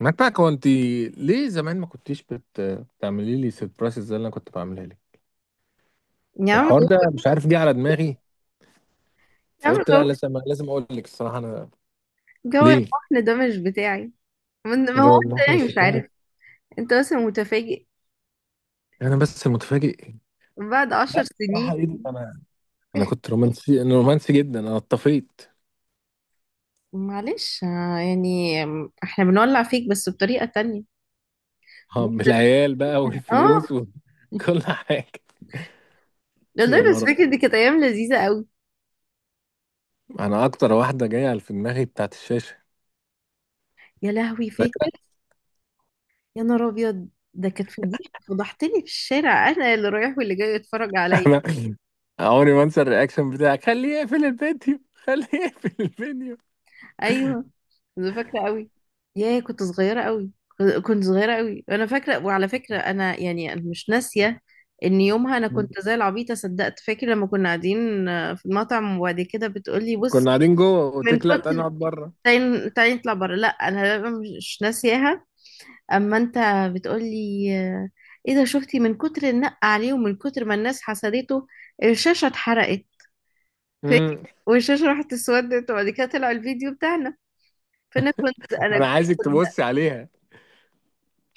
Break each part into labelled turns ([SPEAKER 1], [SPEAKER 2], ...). [SPEAKER 1] متاك هو انت ليه زمان ما كنتيش بتعملي لي سيربرايز زي اللي انا كنت بعملها لك.
[SPEAKER 2] يا عم
[SPEAKER 1] الحوار
[SPEAKER 2] لو-
[SPEAKER 1] ده مش عارف جه على دماغي،
[SPEAKER 2] يا عم
[SPEAKER 1] فقلت
[SPEAKER 2] جو،
[SPEAKER 1] لا لازم اقول لك الصراحه انا.
[SPEAKER 2] جو
[SPEAKER 1] ليه
[SPEAKER 2] الوحدة ده مش بتاعي. من ما هو
[SPEAKER 1] جو
[SPEAKER 2] انت
[SPEAKER 1] الاحمر
[SPEAKER 2] يعني مش
[SPEAKER 1] الشتاء.
[SPEAKER 2] عارف. انت بس متفاجئ
[SPEAKER 1] انا بس المتفاجئ.
[SPEAKER 2] بعد عشر
[SPEAKER 1] لا
[SPEAKER 2] سنين
[SPEAKER 1] صراحه ايه ده انا، انا كنت رومانسي انا رومانسي جدا انا اتطفيت.
[SPEAKER 2] معلش، يعني احنا بنولع فيك بس بطريقة تانية.
[SPEAKER 1] اه،
[SPEAKER 2] بس-
[SPEAKER 1] بالعيال بقى والفلوس
[SPEAKER 2] اه،
[SPEAKER 1] وكل حاجه. يا
[SPEAKER 2] والله بس
[SPEAKER 1] مرة
[SPEAKER 2] فاكر دي كانت ايام لذيذة قوي.
[SPEAKER 1] انا اكتر واحده جايه في دماغي بتاعت الشاشه،
[SPEAKER 2] يا لهوي
[SPEAKER 1] فاكره.
[SPEAKER 2] فاكر. يا نهار ابيض، ده كانت فضيحة فضحتني في الشارع، انا اللي رايح واللي جاي يتفرج عليا.
[SPEAKER 1] انا عمري ما انسى الرياكشن بتاعك، خليه يقفل الفيديو خليه يقفل الفيديو.
[SPEAKER 2] ايوه انا فاكره قوي. ياه كنت صغيره قوي، كنت صغيره قوي، انا فاكره. وعلى فكره انا يعني أنا مش ناسيه ان يومها انا
[SPEAKER 1] مم.
[SPEAKER 2] كنت زي العبيطه صدقت. فاكر لما كنا قاعدين، في المطعم، وبعد كده بتقولي
[SPEAKER 1] كنا
[SPEAKER 2] بص.
[SPEAKER 1] قاعدين جوه قلت
[SPEAKER 2] من
[SPEAKER 1] لك لا تعالى
[SPEAKER 2] كتر
[SPEAKER 1] نقعد بره.
[SPEAKER 2] تعالي تعالي نطلع بره. لا انا مش ناسياها. اما انت بتقولي، ايه ده شفتي، من كتر النق عليه ومن كتر ما الناس حسدته الشاشه اتحرقت. فاكر،
[SPEAKER 1] امم
[SPEAKER 2] والشاشه راحت اسودت وبعد كده طلع الفيديو بتاعنا. فانا كنت انا
[SPEAKER 1] انا عايزك تبصي عليها.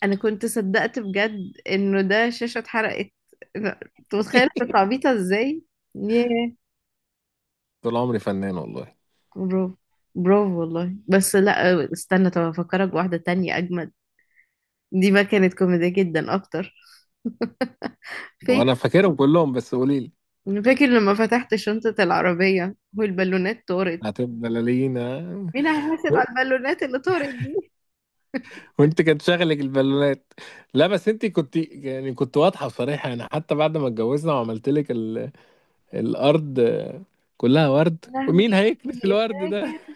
[SPEAKER 2] انا كنت صدقت بجد انه ده شاشة اتحرقت. انت متخيل كنت عبيطة ازاي؟ ياه.
[SPEAKER 1] طول عمري فنان والله.
[SPEAKER 2] برافو، برافو والله. بس لا استنى، طب افكرك بواحدة تانية اجمد. دي بقى كانت كوميدية جدا اكتر. فاكر،
[SPEAKER 1] وانا فاكرهم كلهم بس قولي لي.
[SPEAKER 2] فاكر لما فتحت شنطة العربية والبالونات طارت؟
[SPEAKER 1] هتبقى بلالينا.
[SPEAKER 2] مين هيحاسب على البالونات اللي طارت دي؟
[SPEAKER 1] وانت كان شغلك البالونات. لا بس انت كنت يعني كنت واضحه وصريحه يعني، حتى بعد ما اتجوزنا وعملت لك الارض كلها ورد،
[SPEAKER 2] يا لهوي
[SPEAKER 1] ومين هيكنس الورد ده؟
[SPEAKER 2] فاكر.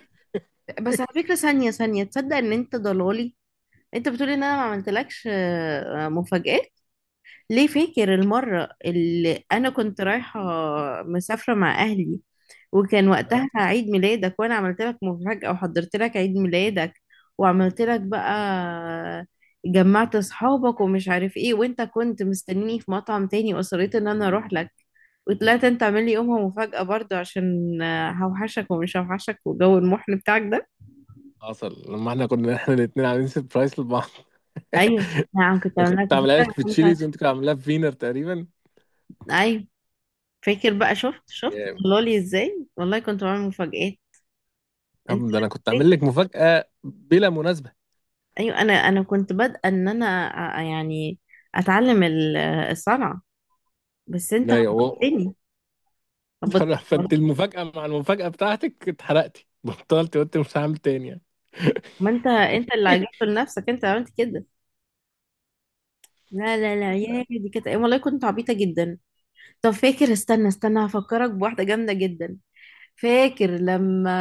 [SPEAKER 2] بس على فكرة، ثانية ثانية، تصدق ان انت ضلالي؟ انت بتقولي ان انا ما عملتلكش، مفاجآت. ليه، فاكر المرة اللي أنا كنت رايحة مسافرة مع أهلي، وكان وقتها
[SPEAKER 1] ها؟
[SPEAKER 2] عيد ميلادك وأنا عملت لك مفاجأة وحضرت لك عيد ميلادك. وعملت لك بقى، جمعت أصحابك ومش عارف إيه، وأنت كنت مستنيني في مطعم تاني وأصريت إن أنا أروح لك. وطلعت أنت عامل لي يومها مفاجأة برضو عشان هوحشك ومش هوحشك وجو المحن بتاعك ده.
[SPEAKER 1] حصل لما احنا كنا احنا الاثنين عاملين سربرايز لبعض.
[SPEAKER 2] أيوه. نعم، كنت
[SPEAKER 1] أنا
[SPEAKER 2] عامل
[SPEAKER 1] كنت
[SPEAKER 2] لك
[SPEAKER 1] عاملها لك
[SPEAKER 2] مفاجأة
[SPEAKER 1] في
[SPEAKER 2] مش عارف.
[SPEAKER 1] تشيليز وانت كنت عاملاها في فينر تقريبا.
[SPEAKER 2] أيوه. فاكر بقى، شفت شفت طلع لي ازاي؟ والله كنت بعمل مفاجآت. انت
[SPEAKER 1] طب ده انا كنت
[SPEAKER 2] عارف-
[SPEAKER 1] عامل لك مفاجأة بلا مناسبة.
[SPEAKER 2] ايوه، انا كنت بادئه ان انا، يعني اتعلم الصنعه. بس انت
[SPEAKER 1] ايوه.
[SPEAKER 2] هبطتني، هبطتني
[SPEAKER 1] فانت
[SPEAKER 2] والله.
[SPEAKER 1] المفاجأة مع المفاجأة بتاعتك اتحرقتي بطلت، قلت مش هعمل تاني يعني.
[SPEAKER 2] ما انت، انت اللي عجبت لنفسك انت عملت كده. لا لا لا، يا دي كانت والله كنت عبيطه جدا. طب فاكر، استنى استنى هفكرك بواحده جامده جدا. فاكر لما،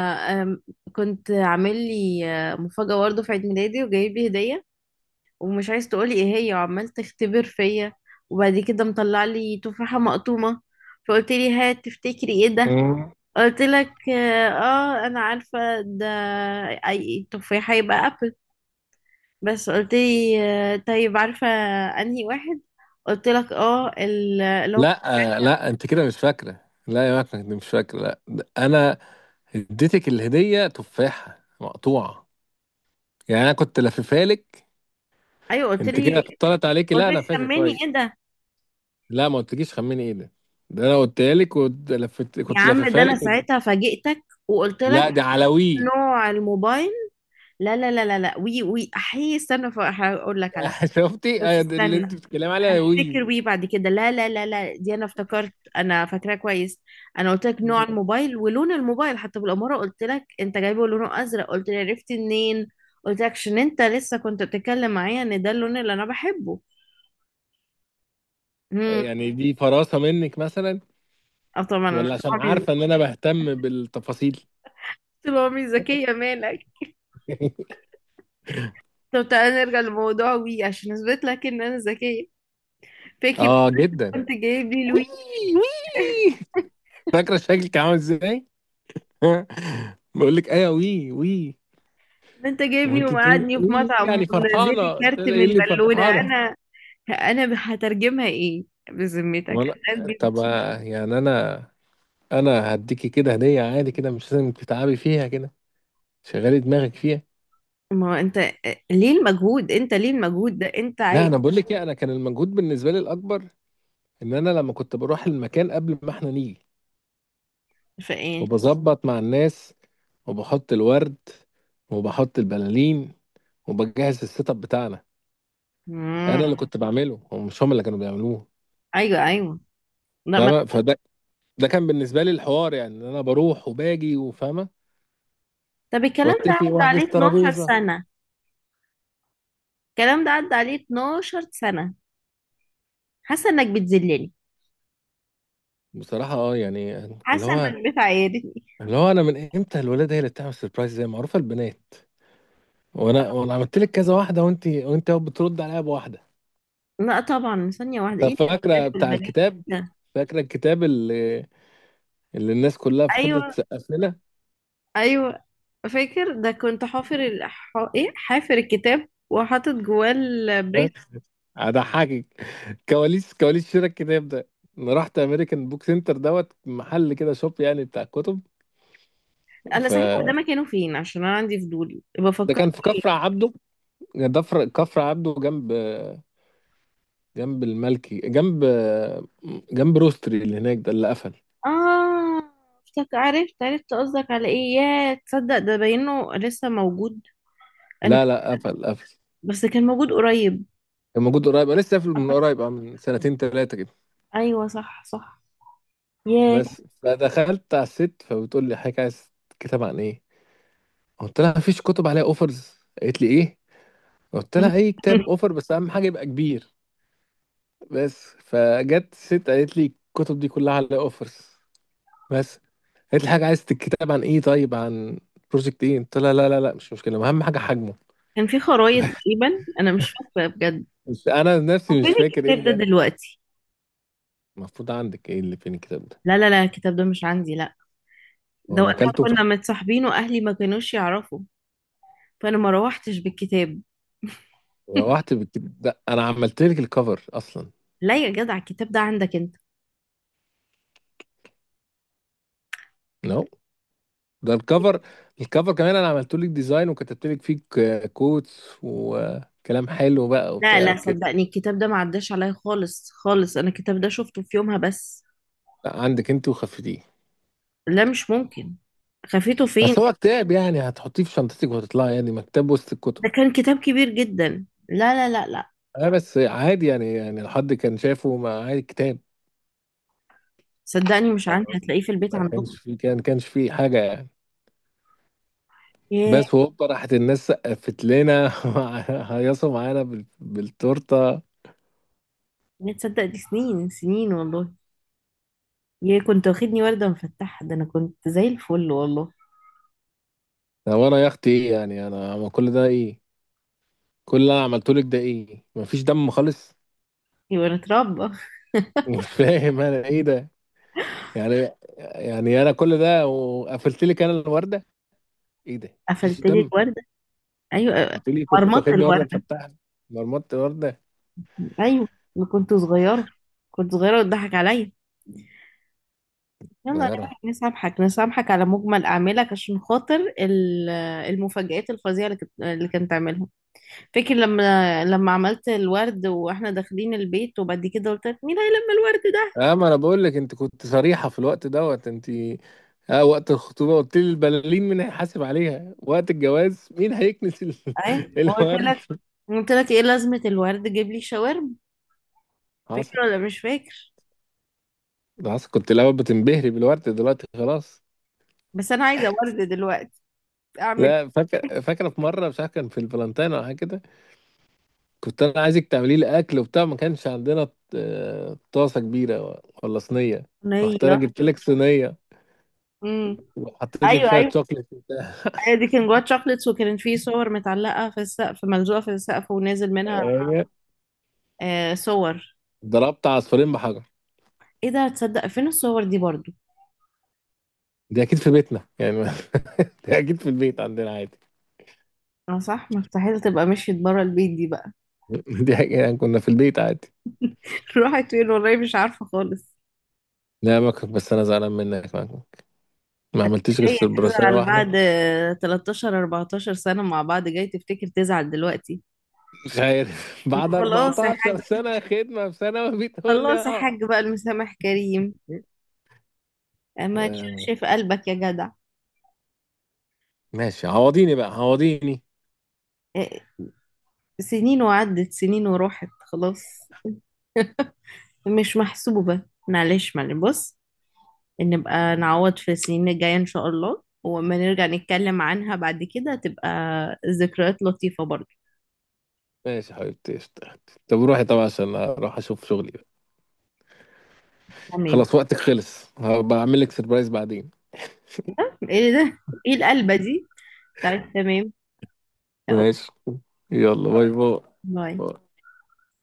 [SPEAKER 2] أم، كنت عامل لي، مفاجاه برضه في عيد ميلادي وجايب لي هديه ومش عايز تقولي ايه هي، وعمال تختبر فيا، وبعد كده مطلع لي تفاحة مقطومة فقلت لي هات تفتكري ايه ده.
[SPEAKER 1] مم.
[SPEAKER 2] قلت لك اه، انا عارفة ده، اي تفاحة يبقى ابل. بس قلت لي آه طيب، عارفة انهي واحد؟ قلت لك اه اللي هو.
[SPEAKER 1] لا، لا انت كده مش فاكرة، لا يا مكنة انت مش فاكرة، لا ده انا اديتك الهدية تفاحة مقطوعة، يعني انا كنت لففها لك.
[SPEAKER 2] ايوه قلت
[SPEAKER 1] انت
[SPEAKER 2] لي،
[SPEAKER 1] كده طلعت عليكي،
[SPEAKER 2] قلت
[SPEAKER 1] لا
[SPEAKER 2] لي
[SPEAKER 1] انا فاكر
[SPEAKER 2] سميني
[SPEAKER 1] كويس.
[SPEAKER 2] ايه ده.
[SPEAKER 1] لا ما قلتليش خمني ايه ده. ده انا قلتها لك ولفت،
[SPEAKER 2] يا
[SPEAKER 1] كنت
[SPEAKER 2] عم ده
[SPEAKER 1] لففها
[SPEAKER 2] انا
[SPEAKER 1] لك
[SPEAKER 2] ساعتها فاجئتك وقلت لك
[SPEAKER 1] لا دي على وي.
[SPEAKER 2] نوع الموبايل. لا لا لا لا لا، وي وي، احي استنى فاقول لك على.
[SPEAKER 1] شفتي،
[SPEAKER 2] بس
[SPEAKER 1] ده اللي انت
[SPEAKER 2] استنى
[SPEAKER 1] بتتكلمي عليها وي.
[SPEAKER 2] افتكر بيه بعد كده. لا لا لا لا، دي انا افتكرت، انا فاكراه كويس. انا قلت لك نوع الموبايل ولون الموبايل، حتى بالاماره قلت لك انت جايبه لونه ازرق. قلت لي عرفتي منين؟ قلت لك عشان انت لسه كنت بتتكلم معايا ان ده اللون اللي انا بحبه. امم.
[SPEAKER 1] يعني دي فراسة منك مثلا،
[SPEAKER 2] اه طبعا انا.
[SPEAKER 1] ولا عشان
[SPEAKER 2] طبعا،
[SPEAKER 1] عارفة ان انا بهتم بالتفاصيل.
[SPEAKER 2] طول عمري ذكيه مالك. طب تعالى نرجع لموضوع وي عشان اثبت لك ان انا ذكيه. فاكر
[SPEAKER 1] اه جدا.
[SPEAKER 2] كنت جايب لي
[SPEAKER 1] وي
[SPEAKER 2] الوي.
[SPEAKER 1] وي. فاكرة شكلك عامل ازاي؟ بقول لك ايوه وي وي.
[SPEAKER 2] ما انت جايبني
[SPEAKER 1] وانت بتقولي
[SPEAKER 2] ومقعدني في
[SPEAKER 1] وي
[SPEAKER 2] مطعم
[SPEAKER 1] يعني
[SPEAKER 2] ونزل
[SPEAKER 1] فرحانة،
[SPEAKER 2] لي
[SPEAKER 1] قلت
[SPEAKER 2] كارت
[SPEAKER 1] لها ايه
[SPEAKER 2] من
[SPEAKER 1] اللي
[SPEAKER 2] بالونه.
[SPEAKER 1] فرحانة؟
[SPEAKER 2] انا انا هترجمها ايه؟ بذمتك
[SPEAKER 1] وانا،
[SPEAKER 2] هترجم.
[SPEAKER 1] طب يعني انا، انا هديكي كده هدية عادي كده مش لازم تتعبي فيها كده، شغلي دماغك فيها.
[SPEAKER 2] ما هو انت، ليه المجهود؟ انت ليه المجهود ده انت عايز؟
[SPEAKER 1] لا انا بقول لك ايه، انا كان المجهود بالنسبة لي الاكبر ان انا لما كنت بروح المكان قبل ما احنا نيجي
[SPEAKER 2] في ايه؟
[SPEAKER 1] وبظبط مع الناس وبحط الورد وبحط البلالين وبجهز السيت اب بتاعنا. انا اللي
[SPEAKER 2] مم.
[SPEAKER 1] كنت بعمله هم، مش هم اللي كانوا بيعملوه.
[SPEAKER 2] ايوه ايوه. لا ما...
[SPEAKER 1] فاهمة؟ فده ده كان بالنسبة لي الحوار يعني، ان انا بروح وباجي وفاهمة
[SPEAKER 2] طب الكلام ده
[SPEAKER 1] واتفق
[SPEAKER 2] عدى
[SPEAKER 1] واحجز
[SPEAKER 2] عليه 12
[SPEAKER 1] ترابيزة.
[SPEAKER 2] سنه، الكلام ده عدى عليه 12 سنه. حاسه انك بتذلني،
[SPEAKER 1] بصراحة اه يعني، اللي
[SPEAKER 2] حاسه
[SPEAKER 1] هو
[SPEAKER 2] انك بتعايرني.
[SPEAKER 1] اللي هو انا من امتى الولاد هي اللي بتعمل سربرايز، زي معروفة البنات، وانا عملت لك كذا واحدة وانت أهو بترد عليها بواحدة.
[SPEAKER 2] لا طبعا، ثانيه واحده،
[SPEAKER 1] طب
[SPEAKER 2] ايه
[SPEAKER 1] فاكرة
[SPEAKER 2] الولاد
[SPEAKER 1] بتاع
[SPEAKER 2] والبنات
[SPEAKER 1] الكتاب،
[SPEAKER 2] ده؟
[SPEAKER 1] فاكرة الكتاب اللي الناس كلها فضلت
[SPEAKER 2] ايوه
[SPEAKER 1] تسقف لنا؟
[SPEAKER 2] ايوه. فاكر ده كنت حافر ايه، حافر الكتاب وحاطط جواه البريس.
[SPEAKER 1] هضحكك. كواليس كواليس شراء الكتاب ده، انا رحت امريكان بوك سنتر دوت محل كده، شوب يعني بتاع كتب.
[SPEAKER 2] الله
[SPEAKER 1] ف
[SPEAKER 2] صحيح، هو ده مكانه فين عشان انا عندي فضول
[SPEAKER 1] ده
[SPEAKER 2] بفكر
[SPEAKER 1] كان في كفر
[SPEAKER 2] فيه.
[SPEAKER 1] عبده، كفر عبده جنب، جنب الملكي، جنب روستري اللي هناك ده اللي قفل.
[SPEAKER 2] اه افتك، عرفت عرفت قصدك على ايه. يا تصدق ده باينه لسه موجود. انا
[SPEAKER 1] لا لا، قفل قفل.
[SPEAKER 2] بس كان موجود قريب.
[SPEAKER 1] كان موجود قريب، انا لسه قافل من قريب من سنتين ثلاثه كده.
[SPEAKER 2] ايوه صح صح. ياه.
[SPEAKER 1] بس فدخلت على الست فبتقول لي حضرتك عايز كتاب عن ايه، قلت لها مفيش كتب عليها اوفرز، قالت لي ايه، قلت لها اي كتاب اوفر بس اهم حاجه يبقى كبير. بس فجت ست قالت لي الكتب دي كلها على اوفرز بس، قالت لي حاجه عايز الكتاب عن ايه، طيب عن بروجكت ايه، قلت لها لا لا لا مش مشكله، اهم حاجه حجمه.
[SPEAKER 2] كان في خرايط تقريبا انا مش فاكره بجد.
[SPEAKER 1] بس انا
[SPEAKER 2] هو
[SPEAKER 1] نفسي
[SPEAKER 2] فين
[SPEAKER 1] مش فاكر ايه
[SPEAKER 2] الكتاب ده
[SPEAKER 1] ده.
[SPEAKER 2] دلوقتي؟
[SPEAKER 1] المفروض عندك، ايه اللي فين الكتاب ده؟
[SPEAKER 2] لا لا لا، الكتاب ده مش عندي، لا. ده
[SPEAKER 1] وانا
[SPEAKER 2] وقتها
[SPEAKER 1] اكلته؟
[SPEAKER 2] كنا متصاحبين واهلي ما كانوش يعرفوا، فانا ما روحتش بالكتاب.
[SPEAKER 1] روحت بالكتاب ده، انا عملت لك الكفر اصلا.
[SPEAKER 2] لا يا جدع، الكتاب ده عندك انت.
[SPEAKER 1] نو. ده الكفر، الكفر كمان انا عملت لك ديزاين وكتبت لك فيه كوتس وكلام حلو بقى
[SPEAKER 2] لا
[SPEAKER 1] وبتاع
[SPEAKER 2] لا،
[SPEAKER 1] وكده.
[SPEAKER 2] صدقني الكتاب ده ما عداش عليا خالص خالص، انا الكتاب ده شفته في يومها بس.
[SPEAKER 1] لا، عندك انت وخفتيه.
[SPEAKER 2] لا مش ممكن، خفيته فين؟
[SPEAKER 1] أصل هو كتاب، يعني هتحطيه في شنطتِك وهتطلعي يعني مكتبة وسط الكُتب.
[SPEAKER 2] ده كان كتاب كبير جدا، لا لا لا لا.
[SPEAKER 1] بس عادي يعني، يعني لو حد كان شافه ما عادي، كتاب.
[SPEAKER 2] صدقني مش عندي،
[SPEAKER 1] فاهمة قصدي؟
[SPEAKER 2] هتلاقيه في البيت
[SPEAKER 1] ما
[SPEAKER 2] عندكم.
[SPEAKER 1] كانش في، كان ما كانش في حاجة يعني.
[SPEAKER 2] ياه،
[SPEAKER 1] بس وهوبا راحت الناس سقّفت لنا. وهيّصوا معانا بالتورتة.
[SPEAKER 2] يا تصدق دي سنين سنين والله. ياه كنت واخدني وردة مفتحة، ده انا كنت زي الفل والله.
[SPEAKER 1] هو أنا يا أختي إيه؟ يعني أنا هو كل ده إيه؟ كل اللي أنا عملته لِك ده إيه؟ ما فيش دَم خالص؟
[SPEAKER 2] يبقى اتربى.
[SPEAKER 1] مش فاهم أنا إيه ده؟ يعني يعني أنا كل ده وقفلت لِك أنا الوردة؟ إيه ده؟ ما فيش
[SPEAKER 2] قفلت لي
[SPEAKER 1] دَم؟
[SPEAKER 2] الوردة،
[SPEAKER 1] مش
[SPEAKER 2] ايوه،
[SPEAKER 1] بتقولي كنت
[SPEAKER 2] مرمطة
[SPEAKER 1] واخدني ورده
[SPEAKER 2] الوردة.
[SPEAKER 1] مفتحه؟ مرمطت ورده.
[SPEAKER 2] ايوه. أنا كنت صغيرة، كنت صغيرة وتضحك عليا. يلا
[SPEAKER 1] صغيره.
[SPEAKER 2] نسامحك، نسامحك على مجمل أعمالك عشان خاطر المفاجآت الفظيعة اللي كنت عاملها. فاكر لما عملت الورد واحنا داخلين البيت وبعد كده قلت لك مين هيلم الورد ده؟
[SPEAKER 1] اه، ما انا بقول لك انت كنت صريحه في الوقت دوت، انت اه وقت الخطوبه قلت لي البلالين مين هيحاسب عليها، وقت الجواز مين هيكنس ال-،
[SPEAKER 2] ايه، وقلت
[SPEAKER 1] الورد.
[SPEAKER 2] لك، قلت لك ايه لازمة الورد، جيب لي شاورما.
[SPEAKER 1] حصل.
[SPEAKER 2] فاكر ولا مش فاكر؟
[SPEAKER 1] ده حصل، كنت الاول بتنبهري بالورد، دلوقتي خلاص.
[SPEAKER 2] بس انا عايزة ورد دلوقتي. اعمل
[SPEAKER 1] لا فاكر، فاكره في مره مش عارف كان في الفالنتين او حاجه كده، كنت انا عايزك تعملي لي اكل وبتاع ما كانش عندنا طاسه كبيره ولا صينيه. رحت انا
[SPEAKER 2] صينية.
[SPEAKER 1] جبت لك صينيه
[SPEAKER 2] امم.
[SPEAKER 1] وحطيت لك
[SPEAKER 2] ايوه
[SPEAKER 1] فيها
[SPEAKER 2] ايوه،
[SPEAKER 1] شوكليت وبتاع.
[SPEAKER 2] هي دي كان جواها شوكليتس وكان في صور متعلقة في السقف، ملزوقة في السقف ونازل منها. آه صور.
[SPEAKER 1] ضربت عصفورين بحجر.
[SPEAKER 2] ايه ده، تصدق فين الصور دي برضو؟
[SPEAKER 1] دي اكيد في بيتنا يعني. دي اكيد في البيت عندنا عادي.
[SPEAKER 2] اه صح، مستحيل تبقى مشيت بره البيت دي بقى.
[SPEAKER 1] دي اكيد يعني كنا في البيت عادي.
[SPEAKER 2] راحت فين والله مش عارفة خالص.
[SPEAKER 1] لا مكرك، بس انا زعلان منك مكرك، ما عملتيش غير
[SPEAKER 2] جاية
[SPEAKER 1] سيربراسية
[SPEAKER 2] تزعل
[SPEAKER 1] واحده.
[SPEAKER 2] بعد 13 14 سنة مع بعض، جاي تفتكر تزعل دلوقتي؟
[SPEAKER 1] مش عارف. بعد
[SPEAKER 2] ما خلاص يا
[SPEAKER 1] 14
[SPEAKER 2] حاج،
[SPEAKER 1] سنه خدمه في ثانوي بتقول لي
[SPEAKER 2] خلاص يا
[SPEAKER 1] اه.
[SPEAKER 2] حاج بقى المسامح كريم. ما
[SPEAKER 1] آه،
[SPEAKER 2] تشوفش في قلبك يا جدع.
[SPEAKER 1] ماشي عوضيني بقى عوضيني.
[SPEAKER 2] اه، سنين وعدت سنين وراحت خلاص، مش محسوبة. معلش معلش بص، نبقى نعوض في السنين الجاية إن شاء الله وما نرجع نتكلم عنها بعد كده تبقى ذكريات لطيفة برضه.
[SPEAKER 1] ماشي يا حبيبتي قشطة. طب روحي طبعا عشان اروح اشوف شغلي بقى.
[SPEAKER 2] تمام.
[SPEAKER 1] خلاص وقتك خلص، هبقى اعمل لك سيربرايز بعدين.
[SPEAKER 2] ايه ده، ايه القلبة دي؟ طيب تمام. أوه،
[SPEAKER 1] ماشي. يلا باي باي.
[SPEAKER 2] باي.
[SPEAKER 1] باي.